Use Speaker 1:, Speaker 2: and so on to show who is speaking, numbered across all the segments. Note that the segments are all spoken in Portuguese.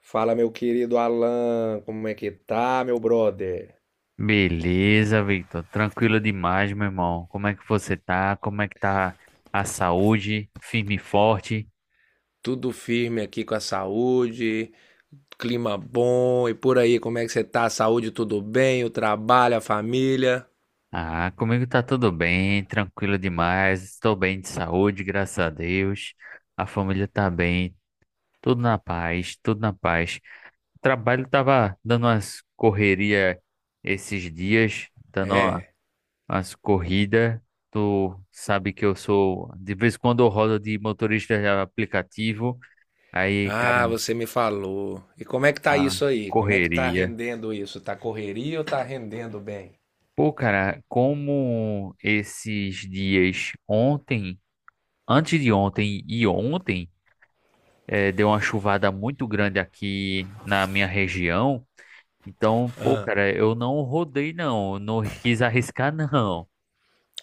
Speaker 1: Fala, meu querido Alan, como é que tá, meu brother?
Speaker 2: Beleza, Victor. Tranquilo demais, meu irmão. Como é que você tá? Como é que tá a saúde? Firme e forte?
Speaker 1: Tudo firme aqui com a saúde, clima bom e por aí, como é que você tá? A saúde tudo bem? O trabalho, a família?
Speaker 2: Ah, comigo tá tudo bem, tranquilo demais. Estou bem de saúde, graças a Deus. A família tá bem, tudo na paz, tudo na paz. O trabalho tava dando umas correria esses dias,
Speaker 1: É.
Speaker 2: umas corridas. Tu sabe que eu sou, de vez em quando eu rodo de motorista de aplicativo. Aí,
Speaker 1: Ah, você me falou. E como é que tá
Speaker 2: a
Speaker 1: isso aí? Como é que tá
Speaker 2: correria.
Speaker 1: rendendo isso? Tá correria ou tá rendendo bem?
Speaker 2: Pô, cara, como esses dias ontem, antes de ontem e ontem, deu uma chuvada muito grande aqui na minha região. Então, pô, cara, eu não rodei, não. eu Não quis arriscar, não.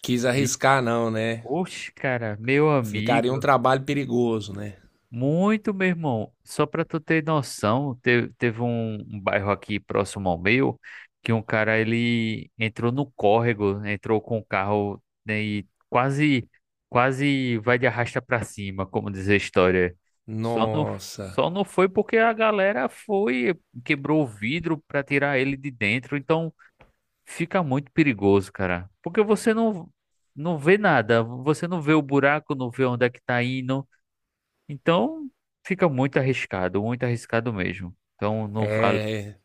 Speaker 1: Quis
Speaker 2: Vi-
Speaker 1: arriscar não, né?
Speaker 2: Oxe, cara, meu
Speaker 1: Ficaria um
Speaker 2: amigo.
Speaker 1: trabalho perigoso, né?
Speaker 2: Muito, meu irmão. Só pra tu ter noção, teve um bairro aqui próximo ao meu que um cara ele entrou no córrego, entrou com o carro, né? E quase vai de arrasta pra cima, como diz a história. Só não,
Speaker 1: Nossa.
Speaker 2: só não foi porque a galera foi, quebrou o vidro pra tirar ele de dentro, então fica muito perigoso, cara. Porque você não não vê nada, você não vê o buraco, não vê onde é que tá indo. Então, fica muito arriscado mesmo. Então, não vale.
Speaker 1: É,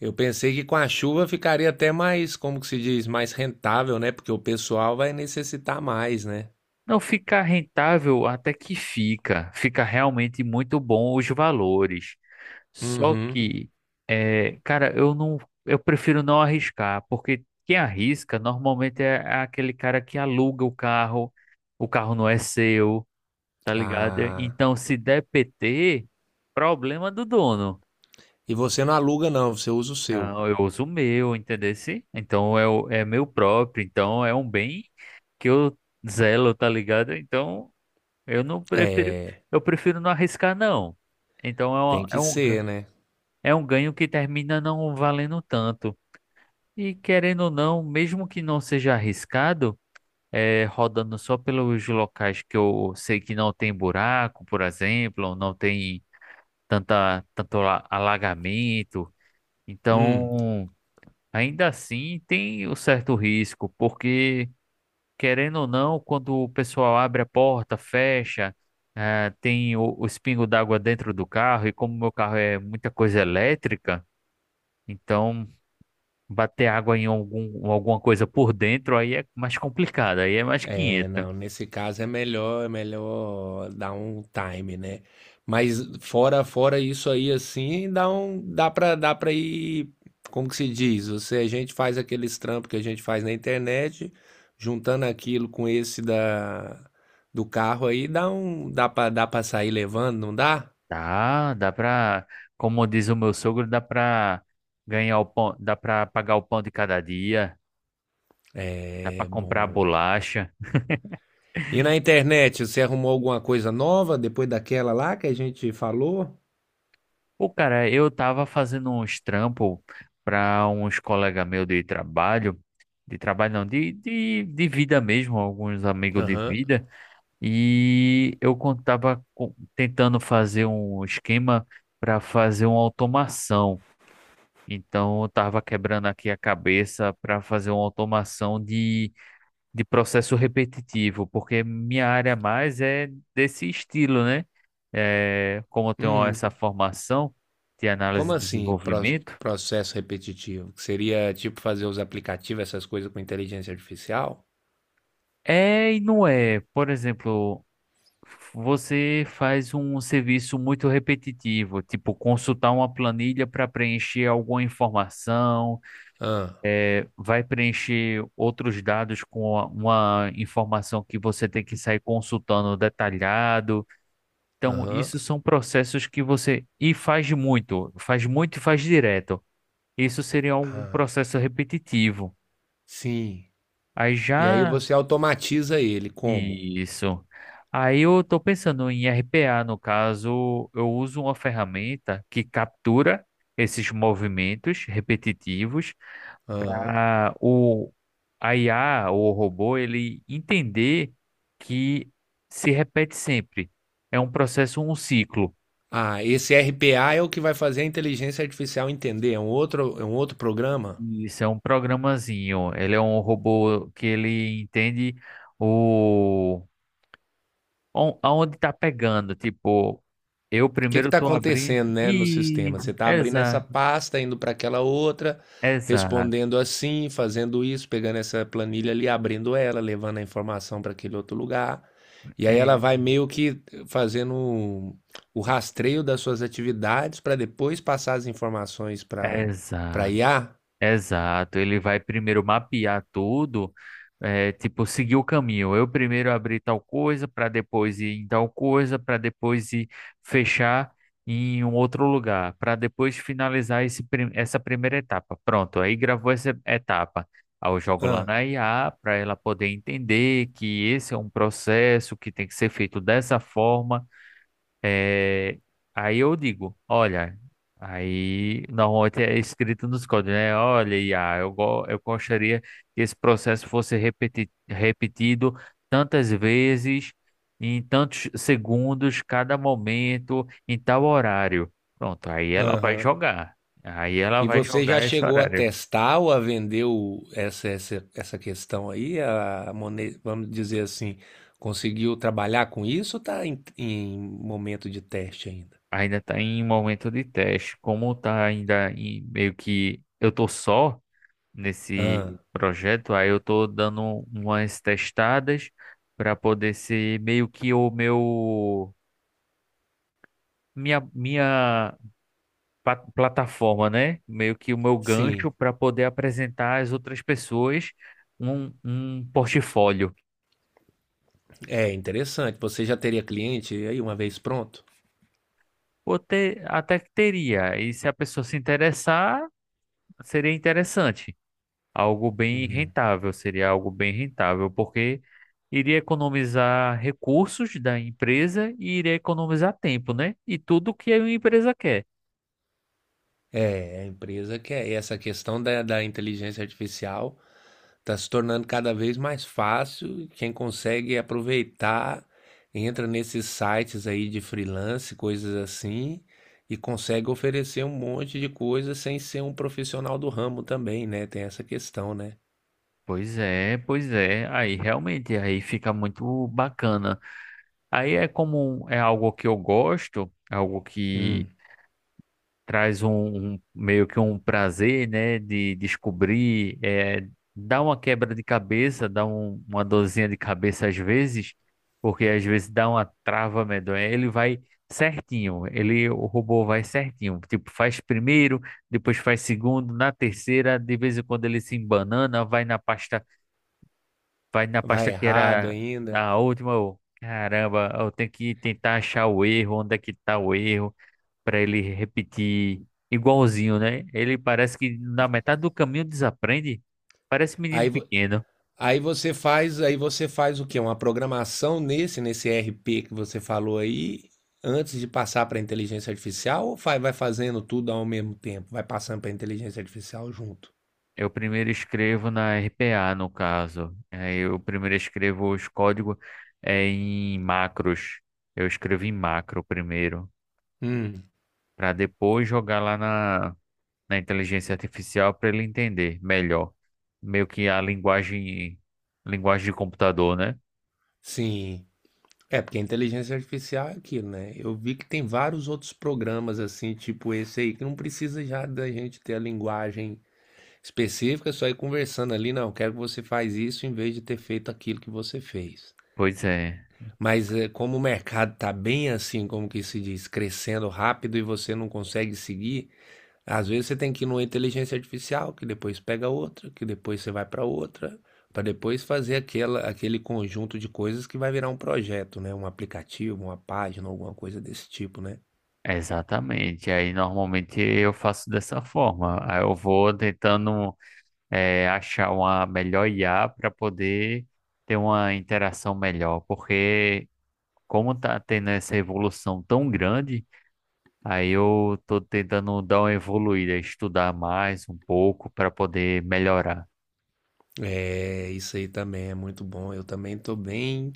Speaker 1: eu pensei que com a chuva ficaria até mais, como que se diz, mais rentável, né? Porque o pessoal vai necessitar mais, né?
Speaker 2: Não fica rentável, até que fica. Fica realmente muito bom os valores. Só
Speaker 1: Uhum.
Speaker 2: que, cara, eu prefiro não arriscar, porque quem arrisca normalmente é aquele cara que aluga o carro não é seu, tá ligado?
Speaker 1: Ah.
Speaker 2: Então, se der PT, problema do dono.
Speaker 1: E você não aluga, não, você usa o seu.
Speaker 2: Não, eu uso o meu, entendesse? Então é meu próprio, então é um bem que eu zelo, tá ligado? Então eu não prefiro,
Speaker 1: É,
Speaker 2: eu prefiro não arriscar, não. Então
Speaker 1: tem que ser, né?
Speaker 2: é um ganho que termina não valendo tanto. E querendo ou não, mesmo que não seja arriscado, é, rodando só pelos locais que eu sei que não tem buraco, por exemplo, ou não tem tanto alagamento.
Speaker 1: Hum.
Speaker 2: Então, ainda assim, tem o certo risco, porque, querendo ou não, quando o pessoal abre a porta, fecha, eh, tem o espingo d'água dentro do carro, e como meu carro é muita coisa elétrica, então bater água em alguma coisa por dentro aí é mais complicado, aí é mais
Speaker 1: É,
Speaker 2: 500.
Speaker 1: não, nesse caso é melhor dar um time, né? Mas fora isso aí assim, dá um dá pra dá para ir, como que se diz? Você a gente faz aqueles trampos que a gente faz na internet, juntando aquilo com esse da do carro aí, dá para sair levando, não dá?
Speaker 2: Dá pra, como diz o meu sogro, dá pra ganhar o pão, dá pra pagar o pão de cada dia, dá pra
Speaker 1: É,
Speaker 2: comprar a
Speaker 1: bom.
Speaker 2: bolacha.
Speaker 1: E na internet, você arrumou alguma coisa nova depois daquela lá que a gente falou?
Speaker 2: Pô, cara, eu tava fazendo uns trampos para uns colegas meus de trabalho não, de vida mesmo, alguns amigos de
Speaker 1: Aham.
Speaker 2: vida, e eu tentando fazer um esquema para fazer uma automação. Então, eu tava quebrando aqui a cabeça para fazer uma automação de processo repetitivo, porque minha área mais é desse estilo, né? É, como eu tenho
Speaker 1: Uhum.
Speaker 2: essa formação de análise
Speaker 1: Como
Speaker 2: e
Speaker 1: assim,
Speaker 2: desenvolvimento,
Speaker 1: processo repetitivo? Que seria tipo fazer os aplicativos, essas coisas com inteligência artificial?
Speaker 2: é e não é. Por exemplo, você faz um serviço muito repetitivo, tipo consultar uma planilha para preencher alguma informação,
Speaker 1: Ah,
Speaker 2: é, vai preencher outros dados com uma informação que você tem que sair consultando detalhado. Então,
Speaker 1: aham,
Speaker 2: isso são processos que você faz muito e faz direto. Isso seria um
Speaker 1: ah,
Speaker 2: processo repetitivo.
Speaker 1: sim.
Speaker 2: Aí
Speaker 1: E aí
Speaker 2: já
Speaker 1: você automatiza ele, como?
Speaker 2: isso. Aí eu estou pensando em RPA, no caso, eu uso uma ferramenta que captura esses movimentos repetitivos.
Speaker 1: Aham.
Speaker 2: Ah, o A IA, o robô, ele entender que se repete sempre. É um processo, um ciclo.
Speaker 1: Ah, esse RPA é o que vai fazer a inteligência artificial entender, é um outro programa?
Speaker 2: Isso é um programazinho. Ele é um robô que ele entende o aonde tá pegando. Tipo, eu
Speaker 1: Que
Speaker 2: primeiro
Speaker 1: está
Speaker 2: tô abrindo.
Speaker 1: acontecendo, né, no
Speaker 2: E
Speaker 1: sistema? Você está abrindo essa
Speaker 2: exato,
Speaker 1: pasta, indo para aquela outra,
Speaker 2: exato,
Speaker 1: respondendo assim, fazendo isso, pegando essa planilha ali, abrindo ela, levando a informação para aquele outro lugar. E aí ela
Speaker 2: é,
Speaker 1: vai meio que fazendo rastreio das suas atividades para depois passar as informações para
Speaker 2: exato.
Speaker 1: IA.
Speaker 2: Exato, ele vai primeiro mapear tudo, é, tipo, seguir o caminho. Eu primeiro abri tal coisa, para depois ir em tal coisa, para depois ir fechar em um outro lugar, para depois finalizar essa primeira etapa. Pronto, aí gravou essa etapa. Aí eu jogo lá
Speaker 1: Ah,
Speaker 2: na IA para ela poder entender que esse é um processo que tem que ser feito dessa forma, é, aí eu digo, olha, aí normalmente é escrito nos códigos, né? Olha, Iá, eu gostaria que esse processo repetido tantas vezes, em tantos segundos, cada momento, em tal horário. Pronto, aí ela vai jogar. Aí ela
Speaker 1: e
Speaker 2: vai
Speaker 1: você já
Speaker 2: jogar esse
Speaker 1: chegou a
Speaker 2: horário.
Speaker 1: testar ou a vender essa, essa, essa questão aí? A vamos dizer assim, conseguiu trabalhar com isso ou está em, em momento de teste ainda?
Speaker 2: Ainda está em momento de teste. Como está ainda em meio que eu tô só nesse
Speaker 1: Ah,
Speaker 2: projeto. Aí eu tô dando umas testadas para poder ser meio que o meu minha plataforma, né? Meio que o meu gancho
Speaker 1: sim.
Speaker 2: para poder apresentar às outras pessoas um, um portfólio.
Speaker 1: É interessante. Você já teria cliente aí uma vez pronto?
Speaker 2: Ou ter, até que teria. E se a pessoa se interessar, seria interessante. Algo bem rentável, seria algo bem rentável, porque iria economizar recursos da empresa e iria economizar tempo, né? E tudo que a empresa quer.
Speaker 1: É, a empresa quer essa questão da, da inteligência artificial. Está se tornando cada vez mais fácil. Quem consegue aproveitar, entra nesses sites aí de freelance, coisas assim, e consegue oferecer um monte de coisa sem ser um profissional do ramo também, né? Tem essa questão, né?
Speaker 2: Pois é, pois é. Aí realmente aí fica muito bacana. Aí é como é algo que eu gosto, é algo,
Speaker 1: Hum,
Speaker 2: traz meio que um prazer, né, de descobrir, é, dá uma quebra de cabeça, dá uma dorzinha de cabeça às vezes, porque às vezes dá uma trava medonha. Ele vai certinho, ele, o robô vai certinho, tipo, faz primeiro, depois faz segundo, na terceira, de vez em quando ele se embanana, vai na
Speaker 1: vai
Speaker 2: pasta que
Speaker 1: errado
Speaker 2: era
Speaker 1: ainda.
Speaker 2: na última, eu, caramba, eu tenho que tentar achar o erro, onde é que tá o erro para ele repetir igualzinho, né? Ele parece que na metade do caminho desaprende. Parece
Speaker 1: Aí,
Speaker 2: menino
Speaker 1: vo-
Speaker 2: pequeno.
Speaker 1: aí você faz, aí você faz o quê? Uma programação nesse, nesse RP que você falou aí, antes de passar para a inteligência artificial, ou vai, vai fazendo tudo ao mesmo tempo? Vai passando para a inteligência artificial junto?
Speaker 2: Eu primeiro escrevo na RPA, no caso. Aí eu primeiro escrevo os códigos, é, em macros. Eu escrevo em macro primeiro,
Speaker 1: Hum,
Speaker 2: para depois jogar lá na inteligência artificial para ele entender melhor. Meio que a linguagem, linguagem de computador, né?
Speaker 1: sim. É, porque a inteligência artificial é aquilo, né? Eu vi que tem vários outros programas assim, tipo esse aí, que não precisa já da gente ter a linguagem específica, só ir conversando ali, não, quero que você faz isso em vez de ter feito aquilo que você fez.
Speaker 2: Pois é.
Speaker 1: Mas é, como o mercado tá bem assim, como que se diz, crescendo rápido e você não consegue seguir, às vezes você tem que ir numa inteligência artificial, que depois pega outra, que depois você vai para outra, para depois fazer aquela, aquele conjunto de coisas que vai virar um projeto, né? Um aplicativo, uma página, alguma coisa desse tipo, né?
Speaker 2: Exatamente. Aí normalmente eu faço dessa forma. Aí eu vou tentando, achar uma melhor IA para poder ter uma interação melhor, porque como tá tendo essa evolução tão grande, aí eu tô tentando dar uma evoluída, estudar mais um pouco para poder melhorar.
Speaker 1: É, isso aí também é muito bom. Eu também estou bem,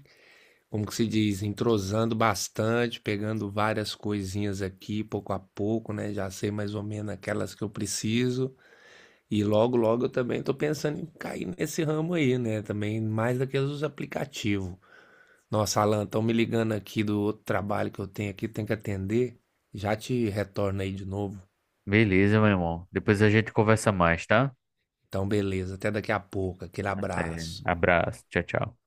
Speaker 1: como que se diz, entrosando bastante, pegando várias coisinhas aqui, pouco a pouco, né? Já sei mais ou menos aquelas que eu preciso. E logo, logo eu também estou pensando em cair nesse ramo aí, né? Também mais daqueles dos aplicativos. Nossa, Alan, estão me ligando aqui do outro trabalho que eu tenho aqui, tenho que atender. Já te retorno aí de novo.
Speaker 2: Beleza, meu irmão. Depois a gente conversa mais, tá?
Speaker 1: Então, beleza, até daqui a pouco. Aquele
Speaker 2: Até.
Speaker 1: abraço.
Speaker 2: Abraço. Tchau, tchau.